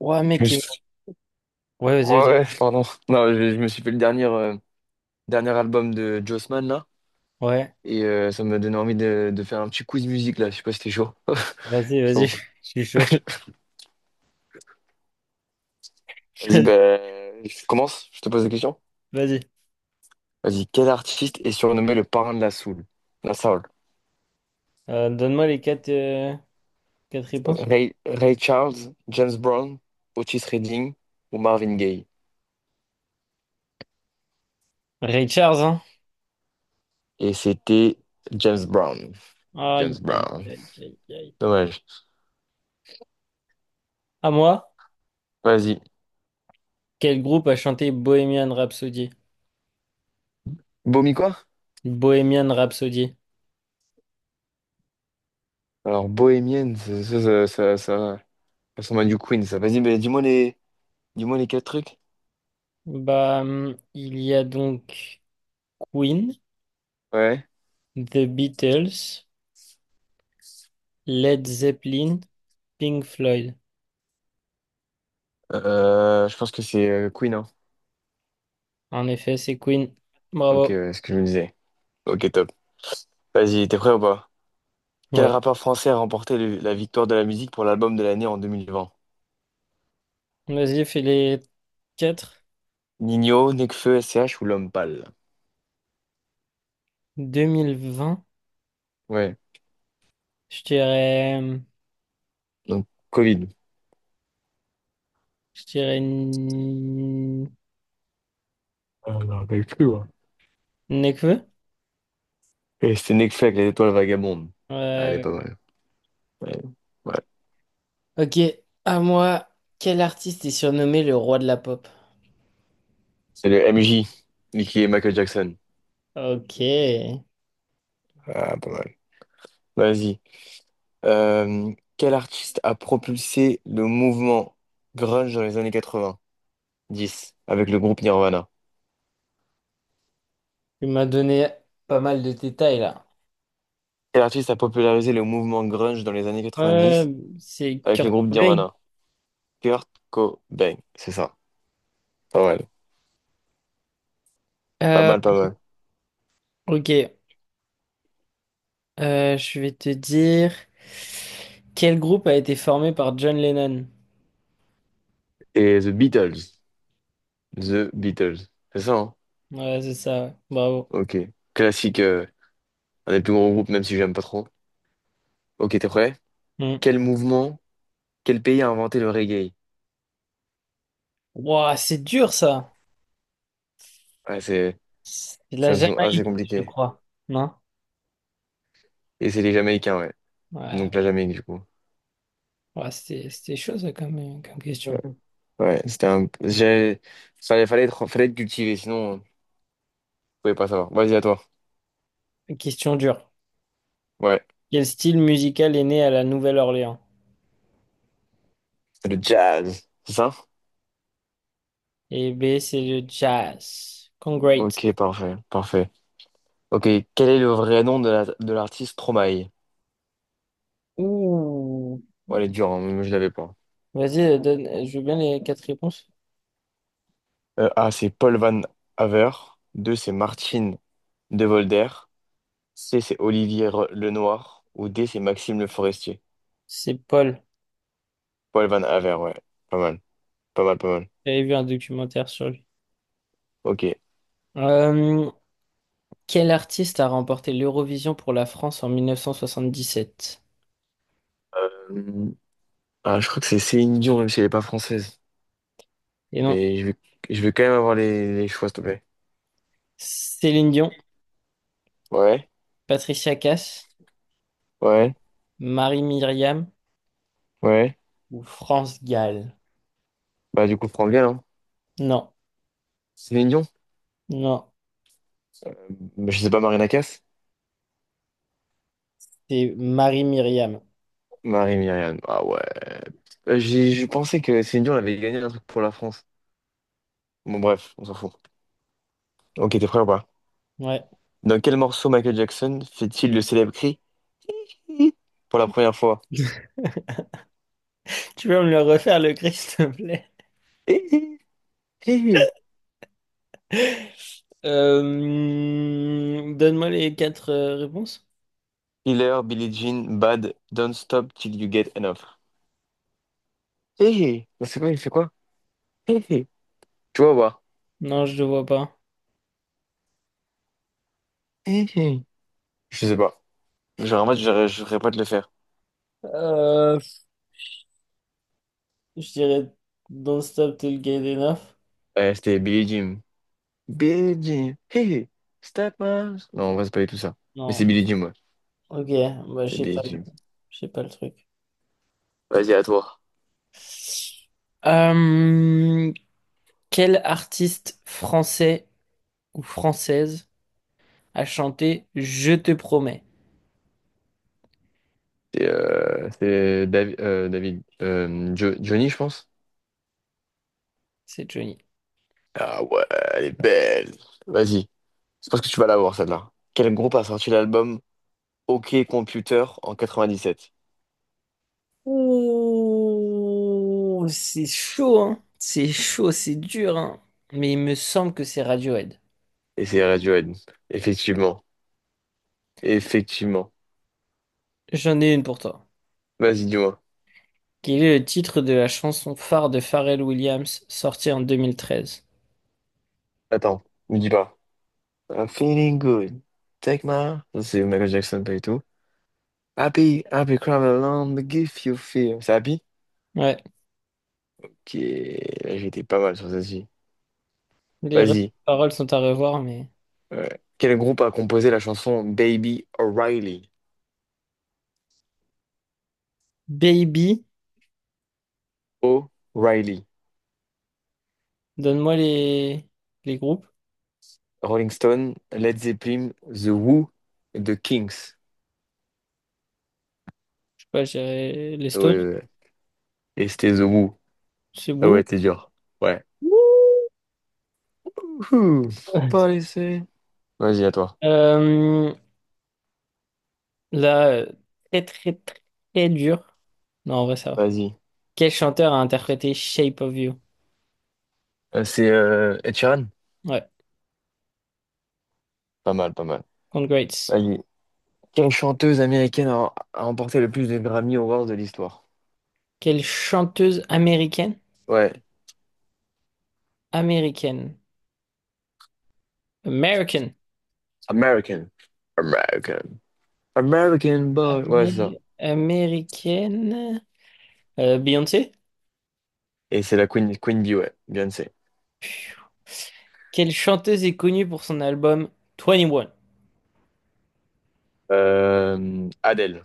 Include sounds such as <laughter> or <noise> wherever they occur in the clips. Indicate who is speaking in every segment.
Speaker 1: Ouais,
Speaker 2: Je me
Speaker 1: mec.
Speaker 2: suis-
Speaker 1: Ouais, vas-y,
Speaker 2: Ouais,
Speaker 1: vas-y.
Speaker 2: ouais, pardon. Non, je me suis fait le dernier, dernier album de Jossman, là.
Speaker 1: Ouais,
Speaker 2: Et ça m'a donné envie de faire un petit quiz musique, là. Je sais pas si t'es chaud. <laughs>
Speaker 1: vas-y,
Speaker 2: Je
Speaker 1: vas-y. <laughs>
Speaker 2: t'en
Speaker 1: Je suis chaud.
Speaker 2: Vas-y,
Speaker 1: <laughs>
Speaker 2: ben, je commence. Je te pose des questions.
Speaker 1: Vas-y.
Speaker 2: Vas-y, quel artiste est surnommé le parrain de la soul? La soul.
Speaker 1: Donne-moi les quatre réponses.
Speaker 2: Ray Charles, James Brown, Otis Redding ou Marvin Gaye?
Speaker 1: Ray Charles, hein?
Speaker 2: Et c'était James Brown.
Speaker 1: Aïe,
Speaker 2: James
Speaker 1: aïe,
Speaker 2: Brown.
Speaker 1: aïe, aïe, aïe.
Speaker 2: Dommage.
Speaker 1: À moi,
Speaker 2: Vas-y.
Speaker 1: quel groupe a chanté Bohemian Rhapsody?
Speaker 2: Bohmi quoi?
Speaker 1: Bohemian Rhapsody.
Speaker 2: Alors, Bohémienne, ça. Son Man U Queen, ça. Vas-y, mais dis-moi les quatre trucs.
Speaker 1: Bah, il y a donc Queen,
Speaker 2: Ouais.
Speaker 1: The Beatles, Led Zeppelin, Pink Floyd.
Speaker 2: Je pense que c'est Queen, hein.
Speaker 1: En effet, c'est Queen.
Speaker 2: Ok,
Speaker 1: Bravo.
Speaker 2: ouais, ce que je me disais. Ok, top. Vas-y, t'es prêt ou pas? Quel
Speaker 1: Ouais.
Speaker 2: rappeur français a remporté la victoire de la musique pour l'album de l'année en 2020?
Speaker 1: Vas-y, fais les quatre.
Speaker 2: Nino, Nekfeu, SCH ou L'Homme Pâle?
Speaker 1: 2020.
Speaker 2: Ouais,
Speaker 1: Je dirais,
Speaker 2: donc Covid.
Speaker 1: je dirais,
Speaker 2: Ah, je me rappelle plus, ouais.
Speaker 1: Nekfeu.
Speaker 2: Et c'était Nekfeu avec les étoiles vagabondes. Ah, elle est
Speaker 1: Ouais,
Speaker 2: pas mal. Ouais. Ouais.
Speaker 1: ouais. Ok, à moi, quel artiste est surnommé le roi de la pop?
Speaker 2: C'est le MJ, Nicky et Michael Jackson.
Speaker 1: Ok, tu
Speaker 2: Ah, pas mal. Vas-y. Euh, quel artiste a propulsé le mouvement grunge dans les années 90 avec le groupe Nirvana?
Speaker 1: m'as donné pas mal de détails là.
Speaker 2: Quel artiste a popularisé le mouvement grunge dans les années
Speaker 1: Ouais,
Speaker 2: 90
Speaker 1: c'est
Speaker 2: avec le
Speaker 1: Kurt
Speaker 2: groupe
Speaker 1: Cobain.
Speaker 2: Nirvana? Kurt Cobain, c'est ça. Pas mal. Pas
Speaker 1: Euh,
Speaker 2: mal, pas mal.
Speaker 1: ok. Je vais te dire quel groupe a été formé par John Lennon.
Speaker 2: Et The Beatles. The Beatles. C'est ça, hein?
Speaker 1: Ouais, c'est ça, ouais. Bravo.
Speaker 2: Ok. Classique, un des plus gros groupes, même si j'aime pas trop. Ok, t'es prêt?
Speaker 1: Mm.
Speaker 2: Quel mouvement, quel pays a inventé le reggae?
Speaker 1: Ouah, c'est dur ça.
Speaker 2: Ouais,
Speaker 1: C'est de la
Speaker 2: ça me semble assez
Speaker 1: Jamaïque, je
Speaker 2: compliqué.
Speaker 1: crois. Non?
Speaker 2: Et c'est les Jamaïcains, ouais. Donc
Speaker 1: Ouais.
Speaker 2: la Jamaïque, du coup.
Speaker 1: Ouais, c'était chaud, ça, comme question.
Speaker 2: Ouais, c'était un... J'ai... Fallait être, fallait être cultivé, sinon, vous pouvez pas savoir. Vas-y, à toi.
Speaker 1: Une question dure.
Speaker 2: Ouais,
Speaker 1: Quel style musical est né à la Nouvelle-Orléans?
Speaker 2: c'est le jazz, c'est ça?
Speaker 1: Et B, c'est le jazz. Congrats.
Speaker 2: Ok, parfait, parfait. Ok, quel est le vrai nom de de l'artiste Stromae?
Speaker 1: Ouh.
Speaker 2: Ouais, elle est dure, hein, moi je l'avais pas.
Speaker 1: Vas-y, donne, je veux bien les quatre réponses.
Speaker 2: A, c'est Paul Van Haver. 2, c'est Martine De Volder. C, c'est Olivier Lenoir. Ou D, c'est Maxime Le Forestier.
Speaker 1: C'est Paul.
Speaker 2: Paul Van Haver, ouais. Pas mal, pas mal, pas mal.
Speaker 1: J'avais vu un documentaire sur lui.
Speaker 2: Ok.
Speaker 1: Euh, Quel artiste a remporté l'Eurovision pour la France en 1977?
Speaker 2: Euh, Ah, je crois que c'est Céline Dion, même si elle est pas française.
Speaker 1: Et non,
Speaker 2: Mais je veux, je veux quand même avoir les choix, s'il te plaît.
Speaker 1: Céline Dion,
Speaker 2: Ouais,
Speaker 1: Patricia Cass,
Speaker 2: ouais,
Speaker 1: Marie-Myriam
Speaker 2: ouais.
Speaker 1: ou France Gall?
Speaker 2: Bah, du coup, prends bien, hein.
Speaker 1: Non,
Speaker 2: Céline Dion?
Speaker 1: non,
Speaker 2: Euh, Je sais pas, Marina Casse?
Speaker 1: c'est Marie-Myriam.
Speaker 2: Marie-Myriam. Ah ouais. Je pensais que Céline Dion avait gagné un truc pour la France. Bon, bref, on s'en fout. Ok, t'es prêt ou pas?
Speaker 1: Ouais.
Speaker 2: Dans quel morceau Michael Jackson fait-il le célèbre cri pour la première fois?
Speaker 1: <laughs> Tu peux me le refaire, le cri, s'il te plaît?
Speaker 2: Hé, hé, hé, hé.
Speaker 1: Donne-moi les quatre réponses.
Speaker 2: Killer, Billie Jean, Bad, Don't Stop Till You Get Enough. Hé, hé. Bah, c'est quoi, il fait quoi? Hé, hé. Tu vois, ou pas?
Speaker 1: Non, je ne vois pas.
Speaker 2: Hé, hé. Je sais pas. Genre, en mode, je voudrais pas te le faire.
Speaker 1: Euh, je dirais Don't Stop Till Get Enough.
Speaker 2: Ouais, c'était Billie Jean. Billie Jean, hey hey, step up. Non, on va se pas tout ça. Mais c'est
Speaker 1: Non.
Speaker 2: Billie Jean, ouais.
Speaker 1: Ok, bah, je
Speaker 2: C'est
Speaker 1: sais pas
Speaker 2: Billie
Speaker 1: le,
Speaker 2: Jean.
Speaker 1: je sais pas le truc.
Speaker 2: Vas-y, à toi.
Speaker 1: Euh, Quel artiste français ou française a chanté Je te promets?
Speaker 2: C'est David, Johnny, je pense.
Speaker 1: C'est Johnny.
Speaker 2: Ah ouais, elle est belle. Vas-y, je pense que tu vas l'avoir, celle-là. Quel groupe a sorti l'album OK Computer en 97?
Speaker 1: Ouh, c'est chaud, hein. C'est chaud, c'est dur, hein. Mais il me semble que c'est Radiohead.
Speaker 2: Et c'est Radiohead. Effectivement. Effectivement.
Speaker 1: J'en ai une pour toi.
Speaker 2: Vas-y, dis-moi.
Speaker 1: Quel est le titre de la chanson phare de Pharrell Williams sortie en 2013?
Speaker 2: Attends, me dis pas. I'm feeling good. Take my... Ça, c'est Michael Jackson, pas du tout. Happy, Happy Crumble Land, Give You Fear. C'est Happy?
Speaker 1: Ouais,
Speaker 2: Qui est... J'étais pas mal sur celle-ci.
Speaker 1: les
Speaker 2: Vas-y.
Speaker 1: paroles sont à revoir, mais.
Speaker 2: Ouais. Quel groupe a composé la chanson Baby O'Reilly?
Speaker 1: Baby,
Speaker 2: O'Reilly.
Speaker 1: donne-moi les groupes.
Speaker 2: Rolling Stone, Led Zeppelin, The Who, The Kings.
Speaker 1: Je sais pas, j'ai les
Speaker 2: Ah ouais,
Speaker 1: Stones.
Speaker 2: ouais, ouais. Et c'était The Who.
Speaker 1: C'est
Speaker 2: Ah
Speaker 1: beau.
Speaker 2: ouais, t'es dur. Ouais. Ouhou. Pas
Speaker 1: <laughs>
Speaker 2: laissé. Vas-y, à toi.
Speaker 1: Euh, Là, très très très dur. Non, en vrai, ça va.
Speaker 2: Vas-y.
Speaker 1: Quel chanteur a interprété Shape of You?
Speaker 2: C'est Ed Sheeran?
Speaker 1: Ouais.
Speaker 2: Pas mal, pas mal.
Speaker 1: Congrats.
Speaker 2: Vas-y. Quelle chanteuse américaine a remporté le plus de Grammy Awards de l'histoire?
Speaker 1: Quelle chanteuse américaine?
Speaker 2: Ouais.
Speaker 1: Américaine. American.
Speaker 2: American. American. American boy. Ouais, c'est ça.
Speaker 1: Américaine. Beyoncé?
Speaker 2: Et c'est la Queen, Queen Bee, ouais, Beyoncé.
Speaker 1: Quelle chanteuse est connue pour son album Twenty One?
Speaker 2: Adele,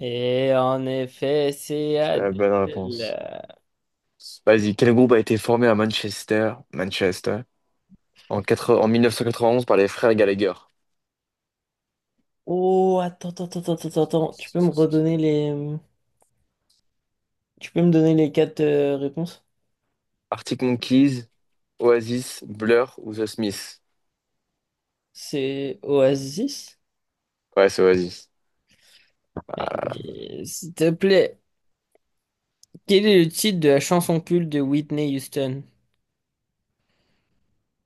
Speaker 1: Et en effet, c'est
Speaker 2: c'est la bonne réponse.
Speaker 1: Adele.
Speaker 2: Vas-y, quel groupe a été formé à Manchester, Manchester, en, quatre, en 1991 par les frères Gallagher?
Speaker 1: Oh, attends, attends, attends, attends, attends, attends. Tu peux me redonner les. Tu peux me donner les quatre réponses?
Speaker 2: Arctic Monkeys, Oasis, Blur ou The Smiths?
Speaker 1: C'est Oasis?
Speaker 2: Ouais, c'est Oasis.
Speaker 1: Euh, S'il te plaît, quel est le titre de la chanson culte de Whitney Houston?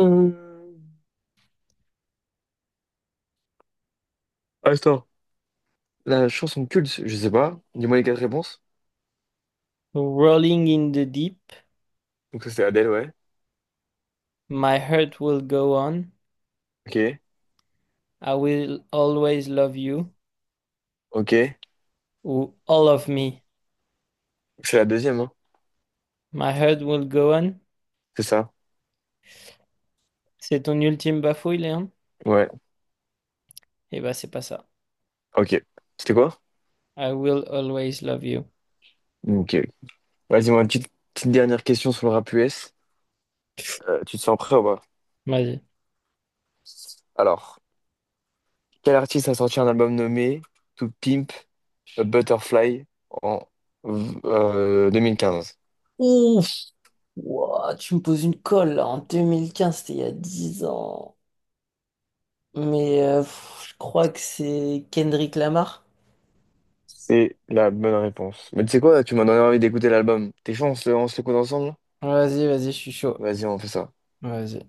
Speaker 2: Euh, Attends. La chanson culte, je sais pas. Dis-moi les quatre réponses.
Speaker 1: Rolling in the Deep,
Speaker 2: Donc ça, c'est Adele, ouais.
Speaker 1: My heart will go on.
Speaker 2: Ok,
Speaker 1: I will always love you.
Speaker 2: ok.
Speaker 1: Ou all of me.
Speaker 2: C'est la deuxième, hein.
Speaker 1: My heart will go on.
Speaker 2: C'est ça.
Speaker 1: C'est ton ultime bafouille, Léon?
Speaker 2: Ouais,
Speaker 1: Eh ben, c'est pas ça.
Speaker 2: ok. C'était quoi?
Speaker 1: I will always love you.
Speaker 2: Ok. Vas-y, moi, une petite dernière question sur le rap US. Tu te sens prêt ou pas?
Speaker 1: Vas-y.
Speaker 2: Alors, quel artiste a sorti un album nommé To Pimp a Butterfly en 2015?
Speaker 1: Ouf, ouah, tu me poses une colle là, en 2015, c'était il y a 10 ans. Mais pff, je crois que c'est Kendrick Lamar.
Speaker 2: C'est la bonne réponse. Mais tu sais quoi, tu m'as donné envie d'écouter l'album. T'es chaud, on se l'écoute ensemble?
Speaker 1: Vas-y, vas-y, je suis chaud.
Speaker 2: Vas-y, on fait ça.
Speaker 1: Vas-y.